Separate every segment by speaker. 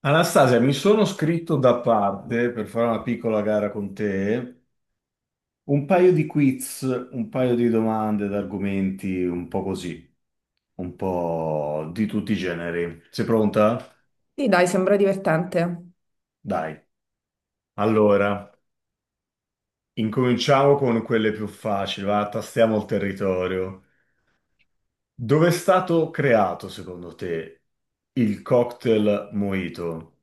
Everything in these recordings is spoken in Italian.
Speaker 1: Anastasia, mi sono scritto da parte per fare una piccola gara con te, un paio di quiz, un paio di domande, d'argomenti, un po' così, un po' di tutti i generi. Sei pronta?
Speaker 2: Sì, dai, sembra divertente.
Speaker 1: Dai. Allora, incominciamo con quelle più facili, va, tastiamo il territorio. Dove è stato creato, secondo te, il cocktail mojito?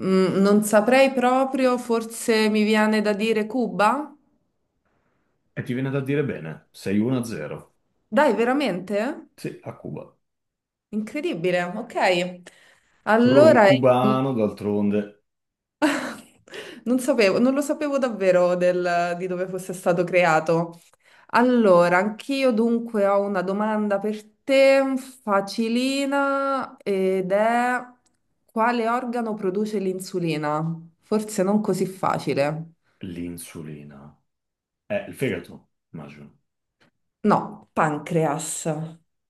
Speaker 2: Non saprei proprio, forse mi viene da dire Cuba?
Speaker 1: E ti viene da dire bene, sei 1-0.
Speaker 2: Dai, veramente?
Speaker 1: Sì, a Cuba.
Speaker 2: Incredibile, ok.
Speaker 1: Rum
Speaker 2: Allora, il-
Speaker 1: cubano, d'altronde.
Speaker 2: non sapevo, non lo sapevo davvero di dove fosse stato creato. Allora, anch'io dunque ho una domanda per te, facilina, ed è quale organo produce l'insulina? Forse non così facile.
Speaker 1: L'insulina. Il fegato, immagino.
Speaker 2: No, pancreas.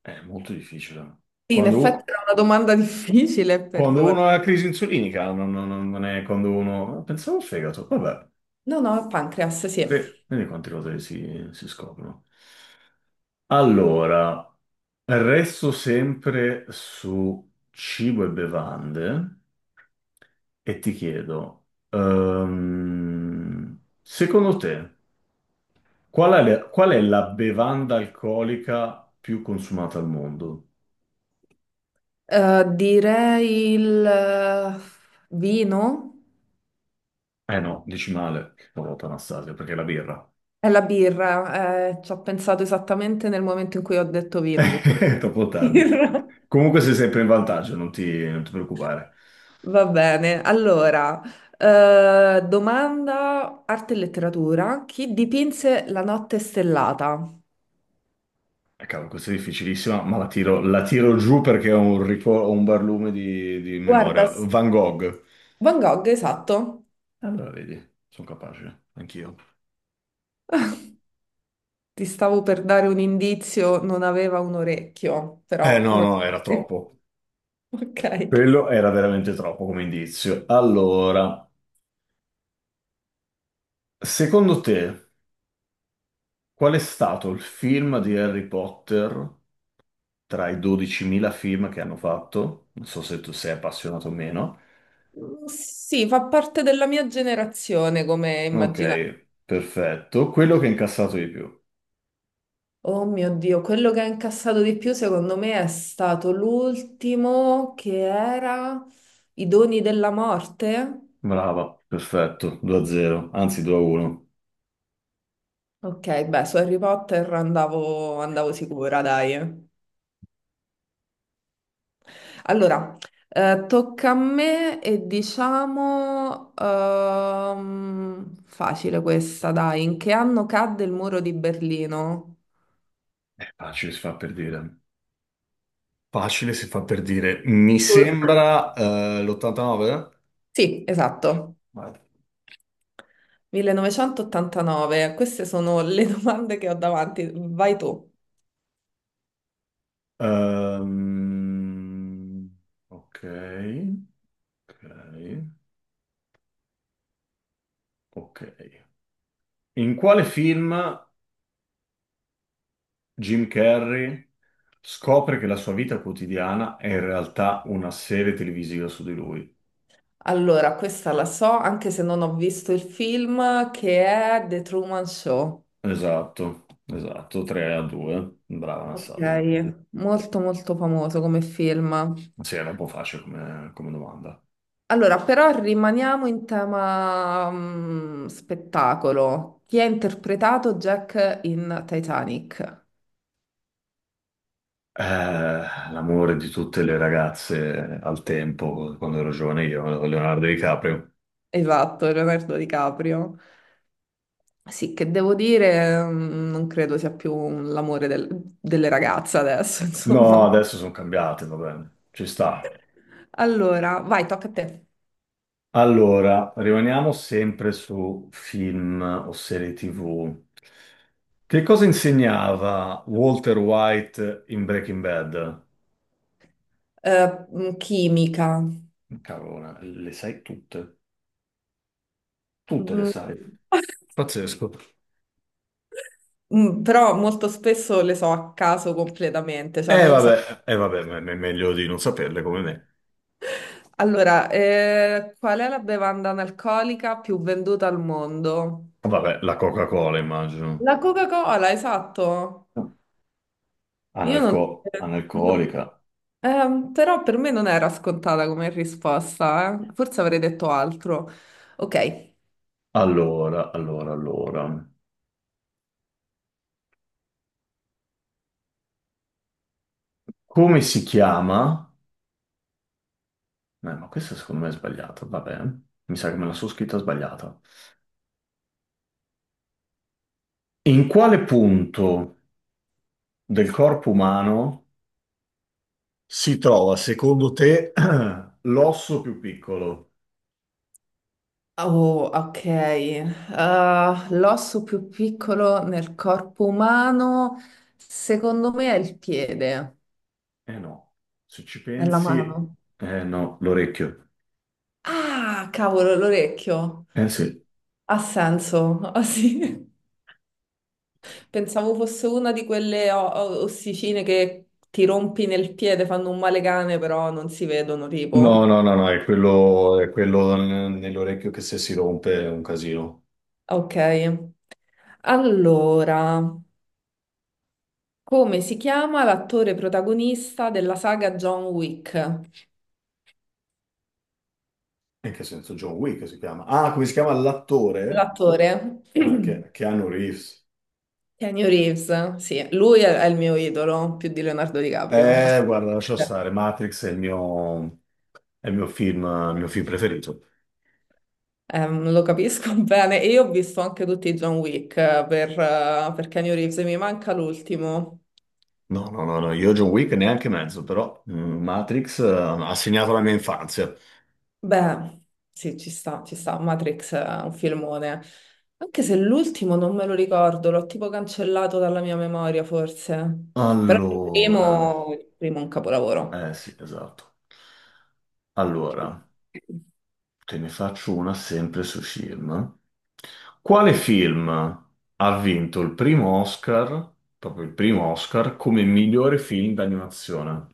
Speaker 1: È molto difficile.
Speaker 2: Sì, in
Speaker 1: Quando, u-
Speaker 2: effetti era una domanda difficile,
Speaker 1: Quando
Speaker 2: perdona.
Speaker 1: uno ha crisi insulinica, non è quando uno... Pensavo al fegato, vabbè.
Speaker 2: No, no, pancreas, sì.
Speaker 1: Vedi quante cose si scoprono. Allora, resto sempre su cibo e bevande e ti chiedo, secondo te, qual è la bevanda alcolica più consumata al mondo?
Speaker 2: Direi il vino
Speaker 1: Eh no, dici male, che porata Anastasia, perché è la birra.
Speaker 2: e la birra. Ci ho pensato esattamente nel momento in cui ho detto vino che poteva
Speaker 1: È troppo tardi.
Speaker 2: birra.
Speaker 1: Comunque sei sempre in vantaggio, non ti preoccupare.
Speaker 2: Va bene, allora, domanda arte e letteratura. Chi dipinse La notte stellata?
Speaker 1: Cavolo, questa è difficilissima, ma la tiro giù perché ho ho un barlume di
Speaker 2: Guarda,
Speaker 1: memoria. Van Gogh.
Speaker 2: Van Gogh, esatto.
Speaker 1: Allora, vedi, sono capace, anch'io.
Speaker 2: Ti stavo per dare un indizio, non aveva un orecchio,
Speaker 1: Eh
Speaker 2: però...
Speaker 1: no,
Speaker 2: non-
Speaker 1: no, era troppo.
Speaker 2: Ok.
Speaker 1: Quello era veramente troppo come indizio. Allora, secondo te, qual è stato il film di Harry Potter tra i 12.000 film che hanno fatto? Non so se tu sei appassionato o meno.
Speaker 2: Sì, fa parte della mia generazione, come
Speaker 1: Ok,
Speaker 2: immaginate.
Speaker 1: perfetto. Quello che ha incassato di più.
Speaker 2: Oh mio Dio, quello che ha incassato di più secondo me è stato l'ultimo che era I doni della morte.
Speaker 1: Brava, perfetto, 2-0, anzi 2-1.
Speaker 2: Ok, beh, su Harry Potter andavo sicura, dai. Allora, tocca a me e diciamo... facile questa, dai. In che anno cadde il muro di Berlino?
Speaker 1: Facile si fa per dire. Facile si fa per dire. Mi
Speaker 2: Uh.
Speaker 1: sembra l'89?
Speaker 2: Sì, esatto.
Speaker 1: Vai.
Speaker 2: 1989, queste sono le domande che ho davanti. Vai tu.
Speaker 1: Ehm, ok, ok, ok. In quale film Jim Carrey scopre che la sua vita quotidiana è in realtà una serie televisiva su di lui.
Speaker 2: Allora, questa la so, anche se non ho visto il film, che è The Truman Show.
Speaker 1: Esatto, esatto, 3 a 2. Brava Anastasia.
Speaker 2: Ok, molto molto famoso come film.
Speaker 1: Sì, era un po' facile come domanda.
Speaker 2: Allora, però rimaniamo in tema spettacolo. Chi ha interpretato Jack in Titanic?
Speaker 1: Eh, l'amore di tutte le ragazze al tempo, quando ero giovane io, Leonardo DiCaprio.
Speaker 2: Esatto, Leonardo DiCaprio. Sì, che devo dire, non credo sia più l'amore delle ragazze adesso,
Speaker 1: No,
Speaker 2: insomma.
Speaker 1: adesso sono cambiate, va bene, ci sta.
Speaker 2: Allora, vai, tocca a te.
Speaker 1: Allora, rimaniamo sempre su film o serie TV. Che cosa insegnava Walter White in Breaking Bad?
Speaker 2: Chimica.
Speaker 1: Cavolo, le sai tutte, tutte le
Speaker 2: Mm,
Speaker 1: sai. Pazzesco.
Speaker 2: però molto spesso le so a caso completamente, cioè
Speaker 1: Eh
Speaker 2: non so.
Speaker 1: vabbè, eh, vabbè, meglio di non saperle come me.
Speaker 2: Allora, qual è la bevanda analcolica più venduta al mondo?
Speaker 1: Vabbè, la Coca-Cola immagino.
Speaker 2: La Coca-Cola, esatto. Io non... no.
Speaker 1: Analcolica.
Speaker 2: Però per me non era scontata come risposta, eh. Forse avrei detto altro. Ok.
Speaker 1: Allora. Come si chiama? Beh, ma questo secondo me è sbagliato, vabbè, mi sa che me la sono scritta sbagliata. In quale punto del corpo umano si trova, secondo te, l'osso più piccolo?
Speaker 2: Oh, ok. Ah, l'osso più piccolo nel corpo umano, secondo me è il piede,
Speaker 1: Eh no, se ci
Speaker 2: è la
Speaker 1: pensi,
Speaker 2: mano.
Speaker 1: eh no, l'orecchio.
Speaker 2: Ah, cavolo, l'orecchio.
Speaker 1: Eh sì.
Speaker 2: Ha senso. Ah, sì. Pensavo fosse una di quelle ossicine che ti rompi nel piede, fanno un male cane, però non si vedono,
Speaker 1: No,
Speaker 2: tipo.
Speaker 1: no, no, no, è quello nell'orecchio che se si rompe è un casino.
Speaker 2: Ok, allora. Come si chiama l'attore protagonista della saga John Wick?
Speaker 1: In che senso? John Wick si chiama. Ah, come si chiama l'attore?
Speaker 2: L'attore
Speaker 1: Ah, che, Keanu Reeves.
Speaker 2: Keanu Reeves, sì, lui è il mio idolo, più di Leonardo DiCaprio.
Speaker 1: Guarda, lascia
Speaker 2: Assolutamente.
Speaker 1: stare, Matrix è il mio... È il mio film preferito.
Speaker 2: Lo capisco bene. E io ho visto anche tutti i John Wick per Keanu Reeves, e mi manca l'ultimo.
Speaker 1: No, io John Wick neanche mezzo, però mm, Matrix ha segnato la mia infanzia.
Speaker 2: Beh, sì, ci sta, ci sta. Matrix è un filmone. Anche se l'ultimo non me lo ricordo, l'ho tipo cancellato dalla mia memoria, forse. Però
Speaker 1: Allora,
Speaker 2: il primo è un capolavoro.
Speaker 1: eh sì, esatto. Allora, te ne faccio una sempre su film. Quale film ha vinto il primo Oscar, proprio il primo Oscar, come migliore film d'animazione?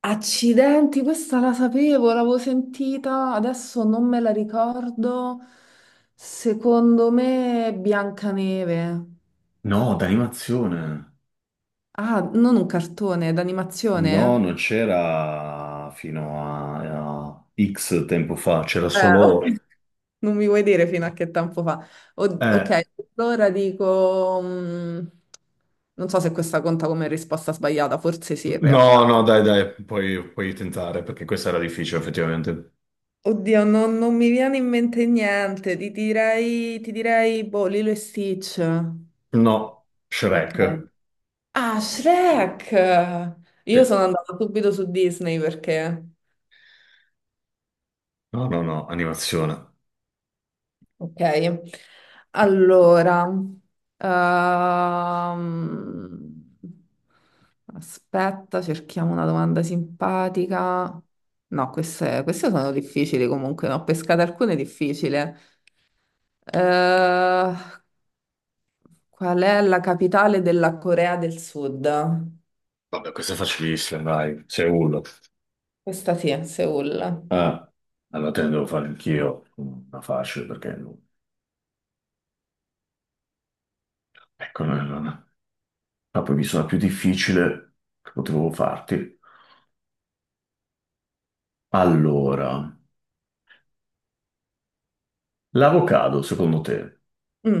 Speaker 2: Accidenti, questa la sapevo, l'avevo sentita, adesso non me la ricordo. Secondo me è Biancaneve.
Speaker 1: No, d'animazione.
Speaker 2: Ah, non un cartone,
Speaker 1: No,
Speaker 2: d'animazione?
Speaker 1: non c'era fino a X tempo fa, c'era
Speaker 2: Ok.
Speaker 1: solo...
Speaker 2: Non mi vuoi dire fino a che tempo fa.
Speaker 1: Eh,
Speaker 2: Ok, allora dico... non so se questa conta come risposta sbagliata, forse sì in
Speaker 1: no,
Speaker 2: realtà.
Speaker 1: no, dai, dai, puoi, puoi tentare perché questa era difficile, effettivamente.
Speaker 2: Oddio, non mi viene in mente niente, ti direi, boh, Lilo e Stitch.
Speaker 1: No,
Speaker 2: Ok.
Speaker 1: Shrek.
Speaker 2: Ah, Shrek!
Speaker 1: Sì.
Speaker 2: Io sono andata subito su Disney perché...
Speaker 1: No, no, no, animazione.
Speaker 2: Ok, allora, ehm, aspetta, cerchiamo una domanda simpatica. No, queste sono difficili comunque, ne ho pescate alcune difficili. Qual è la capitale della Corea del Sud?
Speaker 1: Vabbè, questa è facilissima, dai, Seul.
Speaker 2: Questa sì, è Seoul.
Speaker 1: Ah, allora te ne devo fare anch'io una facile perché non... Ecco, ma poi mi sono più difficile che potevo farti. Allora, l'avocado, secondo te,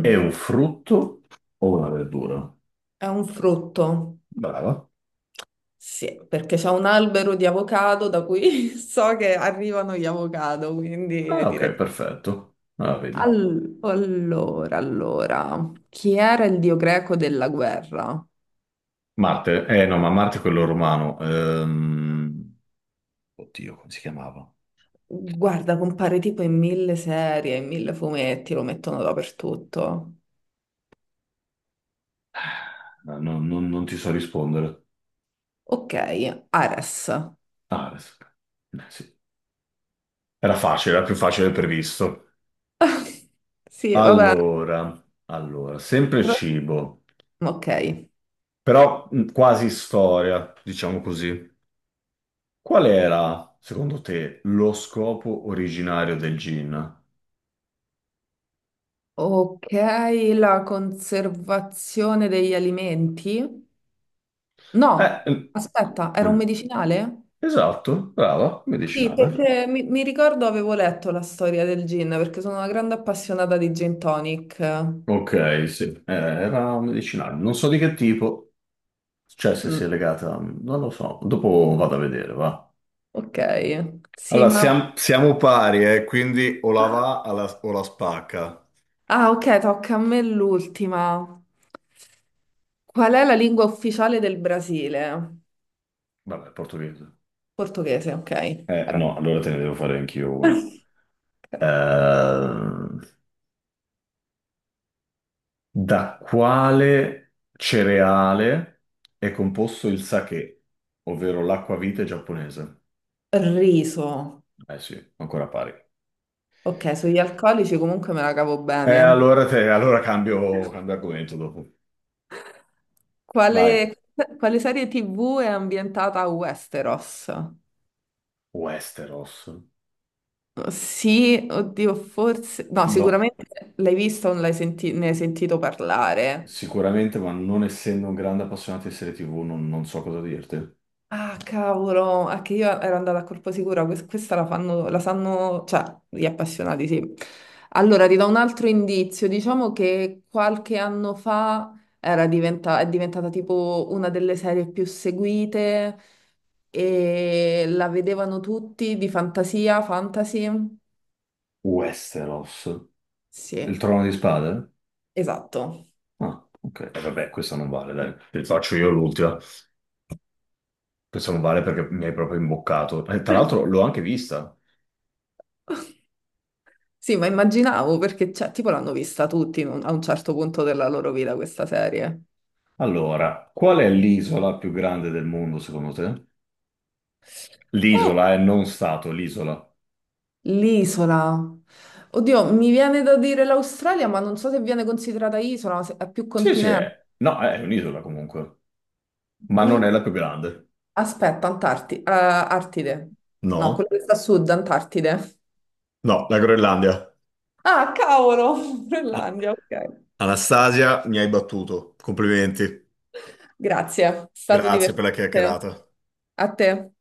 Speaker 1: è un frutto o una verdura?
Speaker 2: è un frutto,
Speaker 1: Brava.
Speaker 2: sì, perché c'è un albero di avocado da cui so che arrivano gli avocado, quindi
Speaker 1: Ah,
Speaker 2: direi
Speaker 1: ok, perfetto. Ah, vedi.
Speaker 2: Allora, allora, chi era il dio greco della guerra?
Speaker 1: Marte, eh no, ma Marte è quello romano. Oddio, come si chiamava?
Speaker 2: Guarda, compare tipo in mille serie, in mille fumetti, lo mettono dappertutto.
Speaker 1: Non ti so rispondere.
Speaker 2: Ok, Ares.
Speaker 1: Ares. Sì. Era facile, era più facile del previsto.
Speaker 2: Sì, vabbè.
Speaker 1: Allora, sempre
Speaker 2: Però.
Speaker 1: cibo,
Speaker 2: Ok.
Speaker 1: però quasi storia, diciamo così. Qual era, secondo te, lo scopo originario del gin?
Speaker 2: Ok, la conservazione degli alimenti? No,
Speaker 1: Eh, eh,
Speaker 2: aspetta, era un
Speaker 1: mm.
Speaker 2: medicinale?
Speaker 1: Esatto, brava,
Speaker 2: Sì,
Speaker 1: medicinale.
Speaker 2: perché mi ricordo avevo letto la storia del gin, perché sono una grande appassionata di gin tonic.
Speaker 1: Ok, sì, era medicinale. Non so di che tipo. Cioè, se si
Speaker 2: Mm,
Speaker 1: è legata, non lo so. Dopo vado a vedere, va.
Speaker 2: ok, sì,
Speaker 1: Allora,
Speaker 2: ma...
Speaker 1: siamo pari, quindi o la va alla- o la spacca.
Speaker 2: Ah, ok, tocca a me l'ultima. Qual è la lingua ufficiale del Brasile?
Speaker 1: Vabbè, portoghese.
Speaker 2: Portoghese, ok. Ora.
Speaker 1: No, allora te ne devo fare anch'io una.
Speaker 2: Ok.
Speaker 1: Ehm, da quale cereale è composto il sake, ovvero l'acquavite giapponese?
Speaker 2: Riso.
Speaker 1: Eh sì, ancora pari.
Speaker 2: Ok, sugli alcolici comunque me la cavo bene.
Speaker 1: Allora, allora cambio, cambio argomento dopo. Vai.
Speaker 2: Quale, quale serie TV è ambientata a Westeros?
Speaker 1: Westeros.
Speaker 2: Sì, oddio, forse... No,
Speaker 1: No.
Speaker 2: sicuramente l'hai vista o l'hai ne hai sentito parlare.
Speaker 1: Sicuramente, ma non essendo un grande appassionato di serie TV, non so cosa dirti.
Speaker 2: Ah, cavolo, è che io ero andata a colpo sicuro, questa la fanno, la sanno, cioè, gli appassionati, sì. Allora, ti do un altro indizio, diciamo che qualche anno fa era è diventata tipo una delle serie più seguite e la vedevano tutti di fantasia, fantasy.
Speaker 1: Westeros.
Speaker 2: Sì,
Speaker 1: Il trono di spade?
Speaker 2: esatto.
Speaker 1: Ah, ok. E vabbè, questo non vale, dai. Te ne faccio io l'ultima. Questo non vale perché mi hai proprio imboccato. E tra l'altro l'ho anche vista.
Speaker 2: Sì, ma immaginavo perché, cioè, tipo l'hanno vista tutti in a un certo punto della loro vita questa serie.
Speaker 1: Allora, qual è l'isola più grande del mondo, secondo te? L'isola è
Speaker 2: Oh,
Speaker 1: non stato, l'isola.
Speaker 2: l'isola. Oddio, mi viene da dire l'Australia, ma non so se viene considerata isola, se è più
Speaker 1: Sì, sì,
Speaker 2: continente.
Speaker 1: è. No, è un'isola comunque. Ma non
Speaker 2: L-
Speaker 1: è la più grande.
Speaker 2: aspetta, Artide. No, quello
Speaker 1: No,
Speaker 2: che sta a sud, Antartide.
Speaker 1: no, la Groenlandia.
Speaker 2: Ah, cavolo,
Speaker 1: Ah,
Speaker 2: Groenlandia, ok.
Speaker 1: Anastasia, mi hai battuto. Complimenti.
Speaker 2: Grazie, è stato
Speaker 1: Grazie per la
Speaker 2: divertente.
Speaker 1: chiacchierata.
Speaker 2: A te.